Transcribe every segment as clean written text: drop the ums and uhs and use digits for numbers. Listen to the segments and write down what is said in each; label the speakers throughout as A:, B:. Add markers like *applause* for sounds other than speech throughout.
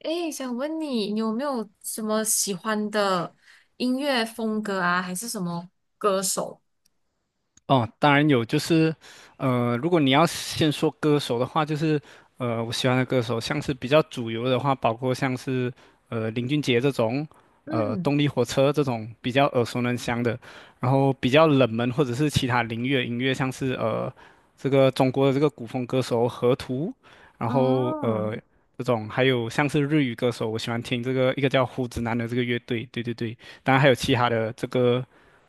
A: 诶，想问你，你有没有什么喜欢的音乐风格啊，还是什么歌手？
B: 哦，当然有，就是，如果你要先说歌手的话，就是，我喜欢的歌手，像是比较主流的话，包括像是，林俊杰这种，
A: 嗯，
B: 动力火车这种比较耳熟能详的。然后比较冷门或者是其他领域的音乐，像是这个中国的这个古风歌手河图，然后
A: 哦，
B: 这种还有像是日语歌手，我喜欢听这个一个叫胡子男的这个乐队，对对对。当然还有其他的这个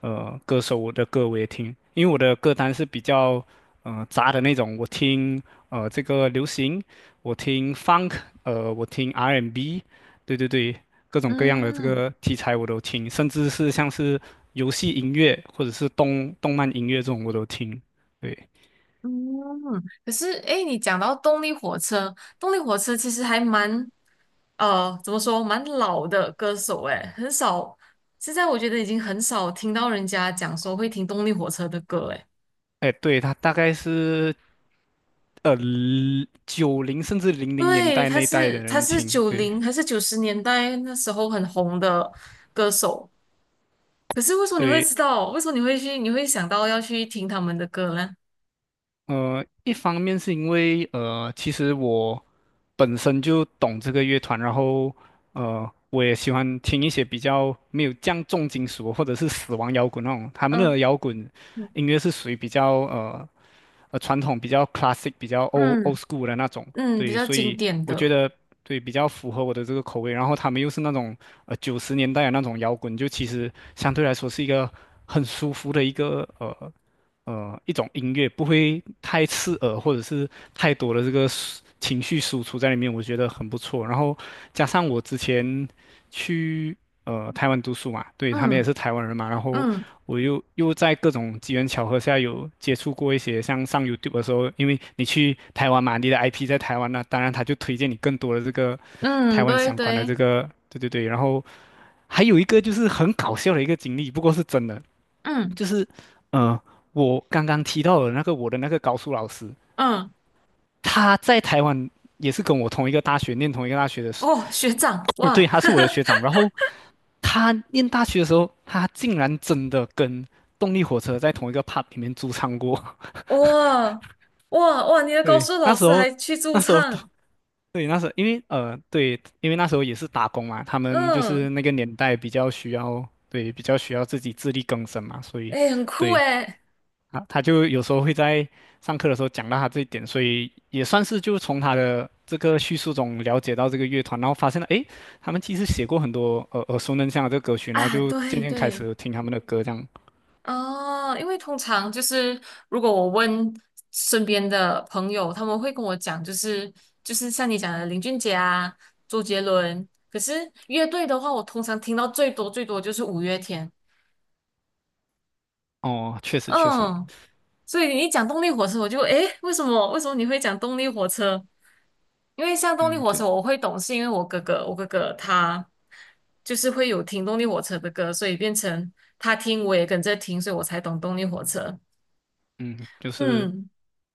B: 歌手我的歌我也听，因为我的歌单是比较杂的那种，我听这个流行，我听 funk，我听 R&B，对对对，各种各样的这
A: 嗯
B: 个题材我都听，甚至是像是游戏音乐或者是动漫音乐这种我都听。对。
A: 嗯。可是，诶，你讲到动力火车，动力火车其实还蛮，怎么说，蛮老的歌手，诶，很少。现在我觉得已经很少听到人家讲说会听动力火车的歌，诶。
B: 哎，对，他大概是呃九零甚至零零年
A: 对，
B: 代
A: 他
B: 那一代的
A: 是他
B: 人
A: 是
B: 听，
A: 九
B: 对。
A: 零还是九十年代那时候很红的歌手。可是为什么你会
B: 对，
A: 知道？为什么你会去？你会想到要去听他们的歌呢？
B: 一方面是因为其实我本身就懂这个乐团，然后我也喜欢听一些比较没有这样重金属或者是死亡摇滚那种，他们
A: 嗯，
B: 的摇滚音乐是属于比较传统、比较 classic、比较 old
A: 嗯
B: school 的那种。
A: 嗯，比
B: 对，
A: 较
B: 所
A: 经
B: 以
A: 典
B: 我觉
A: 的，
B: 得对比较符合我的这个口味。然后他们又是那种90年代的那种摇滚，就其实相对来说是一个很舒服的一个一种音乐，不会太刺耳或者是太多的这个情绪输出在里面，我觉得很不错。然后加上我之前去，台湾读书嘛，对，他们也
A: 嗯
B: 是台湾人嘛。然后
A: 嗯
B: 我又在各种机缘巧合下有接触过一些像上 YouTube 的时候，因为你去台湾嘛，你的 IP 在台湾那、当然他就推荐你更多的这个台
A: 嗯，
B: 湾
A: 对
B: 相关的这
A: 对，
B: 个，对对对。然后还有一个就是很搞笑的一个经历，不过是真的，
A: 嗯
B: 就是呃我刚刚提到的那个我的那个高数老师，
A: 嗯，
B: 他在台湾也是跟我同一个大学念同一个大学的。
A: 哦，学长，
B: *coughs* *smacks lips* 对，
A: 哇，
B: 他是我的学长，然后他念大学的时候，他竟然真的跟动力火车在同一个 pub 里面驻唱过。
A: *laughs* 哇哇哇，你的
B: *laughs*
A: 高
B: 对，
A: 数
B: 那
A: 老
B: 时
A: 师
B: 候，
A: 还去驻
B: 那时候，
A: 唱，
B: 对，那时候，因为对，因为那时候也是打工嘛，他们就是
A: 嗯，
B: 那个年代比较需要，对，比较需要自己自力更生嘛，所以，
A: 哎，很酷
B: 对。
A: 哎，
B: 啊，他就有时候会在上课的时候讲到他这一点，所以也算是就从他的这个叙述中了解到这个乐团，然后发现了，诶，他们其实写过很多耳熟能详的这个歌曲，然后
A: 啊，
B: 就渐
A: 对
B: 渐开
A: 对。
B: 始听他们的歌这样。
A: 哦，因为通常就是如果我问身边的朋友，他们会跟我讲，就是像你讲的林俊杰啊、周杰伦。可是乐队的话，我通常听到最多最多就是五月天。
B: 哦，确实确实。
A: 嗯，所以你一讲动力火车，我就诶，为什么你会讲动力火车？因为像动力
B: 嗯，
A: 火
B: 就
A: 车，我会懂，是因为我哥哥，我哥哥他就是会有听动力火车的歌，所以变成他听，我也跟着听，所以我才懂动力火车。
B: 嗯就是
A: 嗯。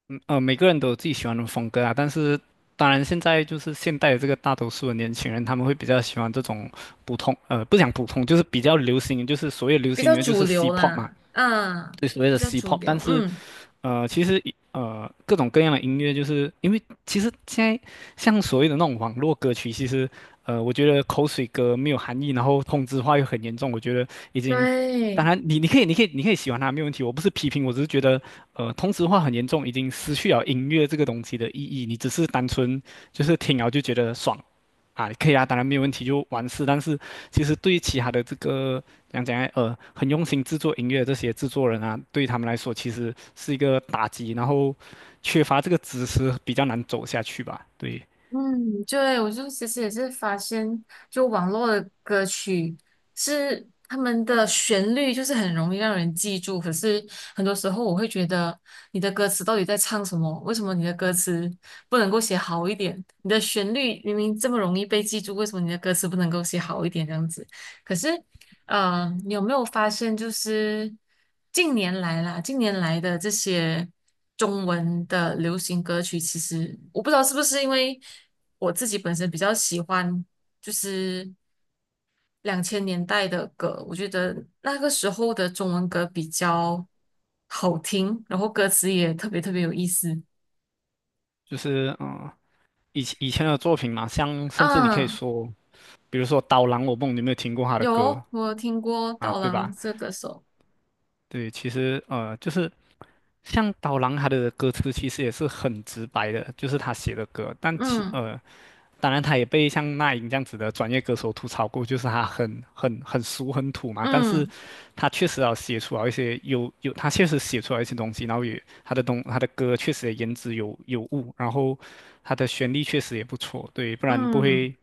B: 每个人都有自己喜欢的风格啊。但是当然，现在就是现代的这个大多数的年轻人，他们会比较喜欢这种普通，不讲普通，就是比较流行，就是所谓流
A: 比
B: 行
A: 较
B: 音乐就
A: 主
B: 是
A: 流
B: C-pop 嘛，
A: 啦，嗯，
B: 对，所谓
A: 比
B: 的
A: 较主
B: C-pop。但
A: 流，
B: 是
A: 嗯，
B: 其实各种各样的音乐，就是因为其实现在像所谓的那种网络歌曲，其实我觉得口水歌没有含义，然后同质化又很严重，我觉得已经，当
A: 对，
B: 然你可以喜欢它没有问题，我不是批评，我只是觉得同质化很严重，已经失去了音乐这个东西的意义，你只是单纯就是听了就觉得爽。啊，可以啊，当然没有问题，就完事。但是其实对于其他的这个讲来，很用心制作音乐的这些制作人啊，对他们来说其实是一个打击，然后缺乏这个知识比较难走下去吧。对，
A: 嗯，对，我就其实也是发现，就网络的歌曲是他们的旋律就是很容易让人记住，可是很多时候我会觉得你的歌词到底在唱什么？为什么你的歌词不能够写好一点？你的旋律明明这么容易被记住，为什么你的歌词不能够写好一点这样子？可是嗯，你有没有发现，就是近年来啦，近年来的这些中文的流行歌曲，其实我不知道是不是因为我自己本身比较喜欢，就是两千年代的歌，我觉得那个时候的中文歌比较好听，然后歌词也特别特别有意思。
B: 就是以前的作品嘛，像甚至你可以
A: 嗯，
B: 说，比如说《刀郎我梦》，你有没有听过他的歌
A: 有，我有听过
B: 啊？
A: 刀
B: 对
A: 郎
B: 吧？
A: 这个手，
B: 对，其实就是像刀郎他的歌词其实也是很直白的，就是他写的歌，
A: 嗯
B: 当然他也被像那英这样子的专业歌手吐槽过，就是他很俗很土嘛。但是
A: 嗯
B: 他确实要写出来一些他确实写出来一些东西，然后也他的歌确实也言之有物，然后他的旋律确实也不错，对，不然不
A: 嗯，
B: 会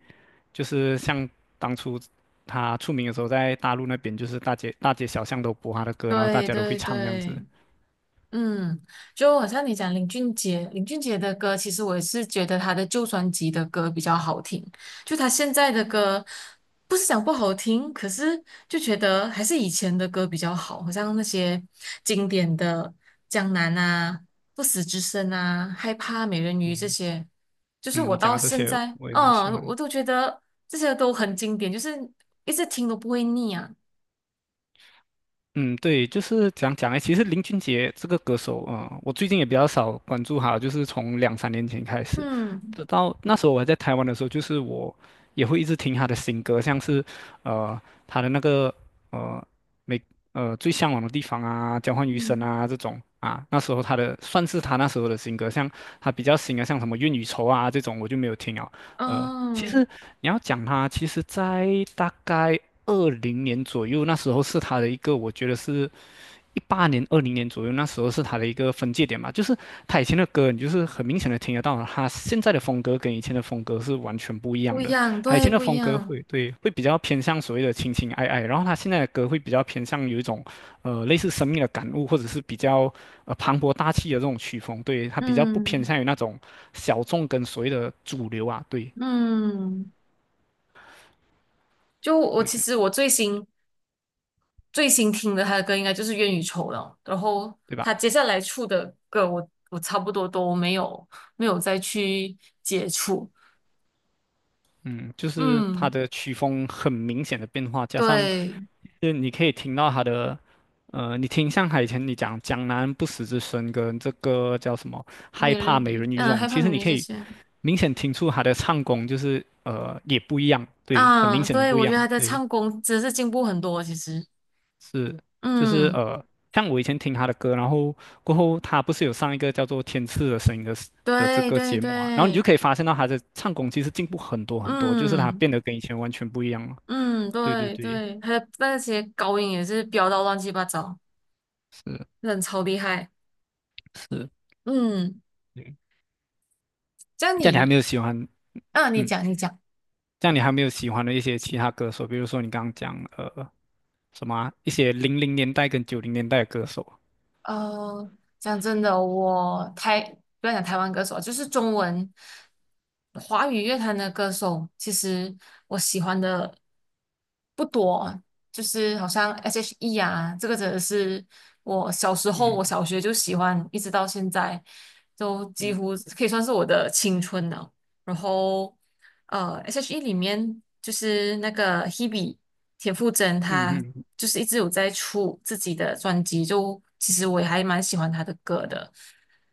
B: 就是像当初。他出名的时候，在大陆那边就是大街小巷都播他的歌，然后大
A: 对
B: 家都会
A: 对
B: 唱这样子。
A: 对。嗯，就好像你讲林俊杰，林俊杰的歌，其实我也是觉得他的旧专辑的歌比较好听。就他现在的歌，不是讲不好听，可是就觉得还是以前的歌比较好，好像那些经典的《江南》啊、《不死之身》啊、《害怕美人鱼》这
B: 嗯。
A: 些，就是
B: 嗯，你
A: 我
B: 讲
A: 到
B: 的这
A: 现
B: 些
A: 在，
B: 我也蛮喜
A: 嗯，我
B: 欢。
A: 都觉得这些都很经典，就是一直听都不会腻啊。
B: 嗯，对，就是讲讲哎，其实林俊杰这个歌手啊、我最近也比较少关注他，就是从两三年前开始，
A: 嗯
B: 直到那时候我还在台湾的时候，就是我也会一直听他的新歌，像是呃他的那个呃每最向往的地方啊，交换余生
A: 嗯，
B: 啊这种啊。那时候他的算是他那时候的新歌，像他比较新的像什么愿与愁啊这种我就没有听了。其实
A: 哦，
B: 你要讲他，其实在大概二零年左右，那时候是他的一个，我觉得是18年、二零年左右，那时候是他的一个分界点吧。就是他以前的歌，你就是很明显的听得到，他现在的风格跟以前的风格是完全不一
A: 不
B: 样
A: 一
B: 的。
A: 样，
B: 它以
A: 对，
B: 前的
A: 不一
B: 风格
A: 样。
B: 会对会比较偏向所谓的情情爱爱，然后他现在的歌会比较偏向有一种类似生命的感悟，或者是比较磅礴大气的这种曲风。对，他比较不偏
A: 嗯
B: 向于那种小众跟所谓的主流啊，对。
A: 嗯，就我
B: 对
A: 其
B: 对
A: 实我最新听的他的歌应该就是《冤与仇》了，然后
B: 对吧？
A: 他接下来出的歌我差不多都没有再去接触。
B: 嗯，就是他
A: 嗯，
B: 的曲风很明显的变化，加上
A: 对，
B: 就是你可以听到他的，你听像你讲江南不死之身跟这个叫什么害
A: 美
B: 怕
A: 人
B: 美
A: 鱼，
B: 人鱼这
A: 嗯，
B: 种，
A: 害怕
B: 其实
A: 美
B: 你
A: 人鱼
B: 可
A: 这
B: 以
A: 些
B: 明显听出他的唱功就是也不一样，对，很明
A: 啊，
B: 显的
A: 对，
B: 不一
A: 我觉
B: 样，
A: 得他的
B: 对。
A: 唱功真是进步很多，其实，
B: 是，就是
A: 嗯，
B: 像我以前听他的歌，然后过后他不是有上一个叫做《天赐的声音》的 这
A: 对
B: 个
A: 对
B: 节目啊，然后你就
A: 对，
B: 可以发现到他的唱功其实进步很多很多，就是他
A: 嗯
B: 变得跟以前完全不一样了。
A: 嗯，
B: 对对
A: 对
B: 对，
A: 对，他的那些高音也是飙到乱七八糟，
B: 是
A: 真的超厉害，
B: 是，
A: 嗯。
B: 对。
A: 这样
B: 这样你还
A: 你，
B: 没有喜欢。
A: 啊，你
B: 嗯，
A: 讲，你讲。
B: 这样你还没有喜欢的一些其他歌手，比如说你刚刚讲什么啊一些零零年代跟90年代的歌手，
A: 呃，讲真的，我台不要讲台湾歌手啊就是中文华语乐坛的歌手，其实我喜欢的不多，就是好像 S.H.E 啊，这个真的是我小时候，我
B: 嗯
A: 小学就喜欢，一直到现在，都几
B: 嗯
A: 乎可以算是我的青春了。然后S.H.E 里面就是那个 Hebe 田馥甄，她
B: 嗯嗯
A: 就是一直有在出自己的专辑，就其实我也还蛮喜欢她的歌的。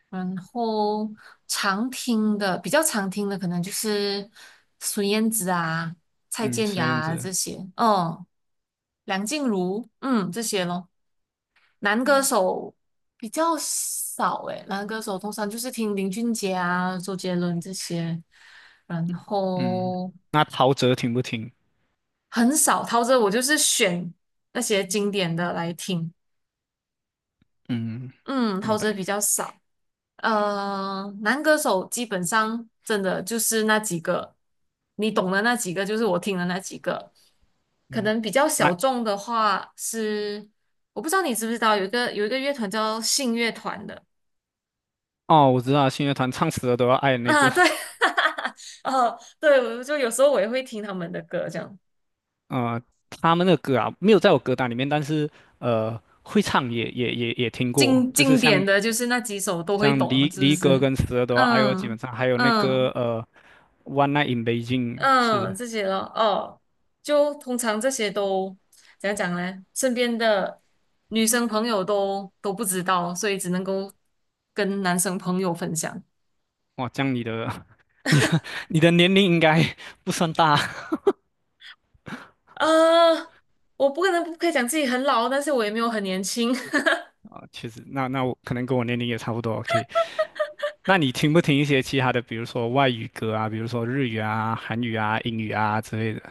A: 然后常听的比较常听的可能就是孙燕姿啊、蔡
B: 嗯，
A: 健
B: 孙
A: 雅
B: 燕
A: 啊
B: 姿，
A: 这些，哦，梁静茹，嗯，这些咯。男歌
B: 嗯
A: 手比较少诶，男歌手通常就是听林俊杰啊、周杰伦这些，然
B: 嗯，
A: 后
B: 那陶喆听不听？
A: 很少陶喆，我就是选那些经典的来听。
B: 嗯，
A: 嗯，
B: 明
A: 陶喆
B: 白。
A: 比较少。男歌手基本上真的就是那几个，你懂的那几个，就是我听的那几个。可
B: 嗯，
A: 能比较
B: 那
A: 小众的话是，我不知道你知不知道，有一个乐团叫信乐团的。
B: 哦，我知道信乐团唱死了都要爱的
A: *laughs*
B: 那
A: 啊，
B: 个。
A: 对，
B: *laughs*
A: *laughs* 哦，对，我就有时候我也会听他们的歌，这样
B: 呃，他们的歌啊，没有在我歌单里面，但是会唱也听过，
A: 经
B: 就是
A: 经典
B: 像
A: 的就是那几首都会
B: 像离
A: 懂，是不
B: 离歌
A: 是？
B: 跟死了都要爱哦，基本
A: 嗯
B: 上还有那个
A: 嗯
B: One Night in Beijing 是。
A: 嗯，这些咯，哦，就通常这些都怎样讲呢？身边的女生朋友都不知道，所以只能够跟男生朋友分享。
B: 哇，这样你的 *laughs* 你你的年龄应该 *laughs* 不算大。
A: 啊、我不可能不可以讲自己很老，但是我也没有很年轻。*laughs*
B: *laughs* 其实那我可能跟我年龄也差不多，OK，那你听不听一些其他的，比如说外语歌啊，比如说日语啊、韩语啊、英语啊之类的？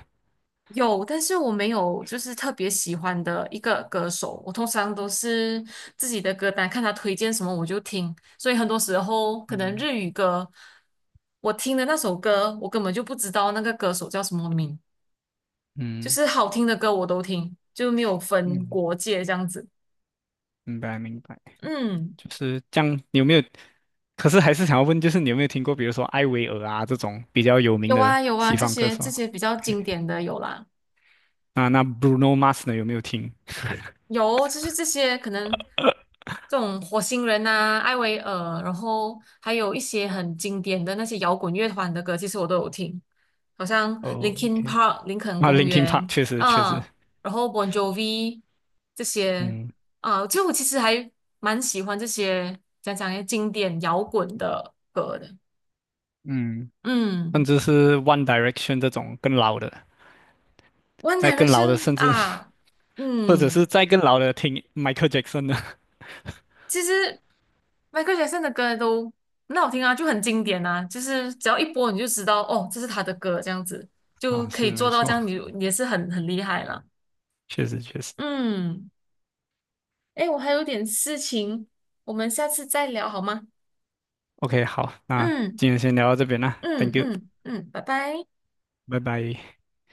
A: 有，但是我没有就是特别喜欢的一个歌手，我通常都是自己的歌单，看他推荐什么我就听，所以很多时候可能
B: 嗯
A: 日语歌，我听的那首歌，我根本就不知道那个歌手叫什么名，就
B: 嗯。
A: 是好听的歌我都听，就没有分
B: 嗯，
A: 国界这样子。
B: 明白明白，
A: 嗯，
B: 就是这样。你有没有？可是还是想要问，就是你有没有听过，比如说艾薇儿啊这种比较有名
A: 有
B: 的
A: 啊有啊，
B: 西
A: 这
B: 方歌
A: 些
B: 手
A: 这些比较
B: ？OK，
A: 经典的有啦。
B: 那Bruno Mars 呢有没有听？
A: 有，就是这些可能这种火星人啊、艾薇儿，然后还有一些很经典的那些摇滚乐团的歌，其实我都有听，好像
B: 哦
A: Linkin
B: ，OK，
A: Park、林肯
B: 那 l i
A: 公
B: n k i n Park
A: 园
B: 确实确实。
A: 啊，然后 Bon Jovi 这些
B: 嗯
A: 啊，就我其实还蛮喜欢这些些经典摇滚的歌的。
B: 嗯，甚
A: 嗯
B: 至是 One Direction 这种更老的，
A: ，One
B: 在更老的，
A: Direction
B: 甚至
A: 啊，
B: *laughs* 或者是
A: 嗯。
B: 再更老的，听 Michael Jackson 的。
A: 其实 Michael Jackson 的歌都很好听啊，就很经典啊，就是只要一播你就知道哦，这是他的歌，这样子
B: *laughs*
A: 就
B: 啊，
A: 可
B: 是
A: 以
B: 没
A: 做到这
B: 错，
A: 样，你你也是很很厉害了。
B: 确实确实。
A: 嗯，哎，我还有点事情，我们下次再聊好吗？
B: OK，好，那
A: 嗯
B: 今天先聊到这边啦
A: 嗯
B: ，Thank you，
A: 嗯嗯，拜拜。
B: 拜拜。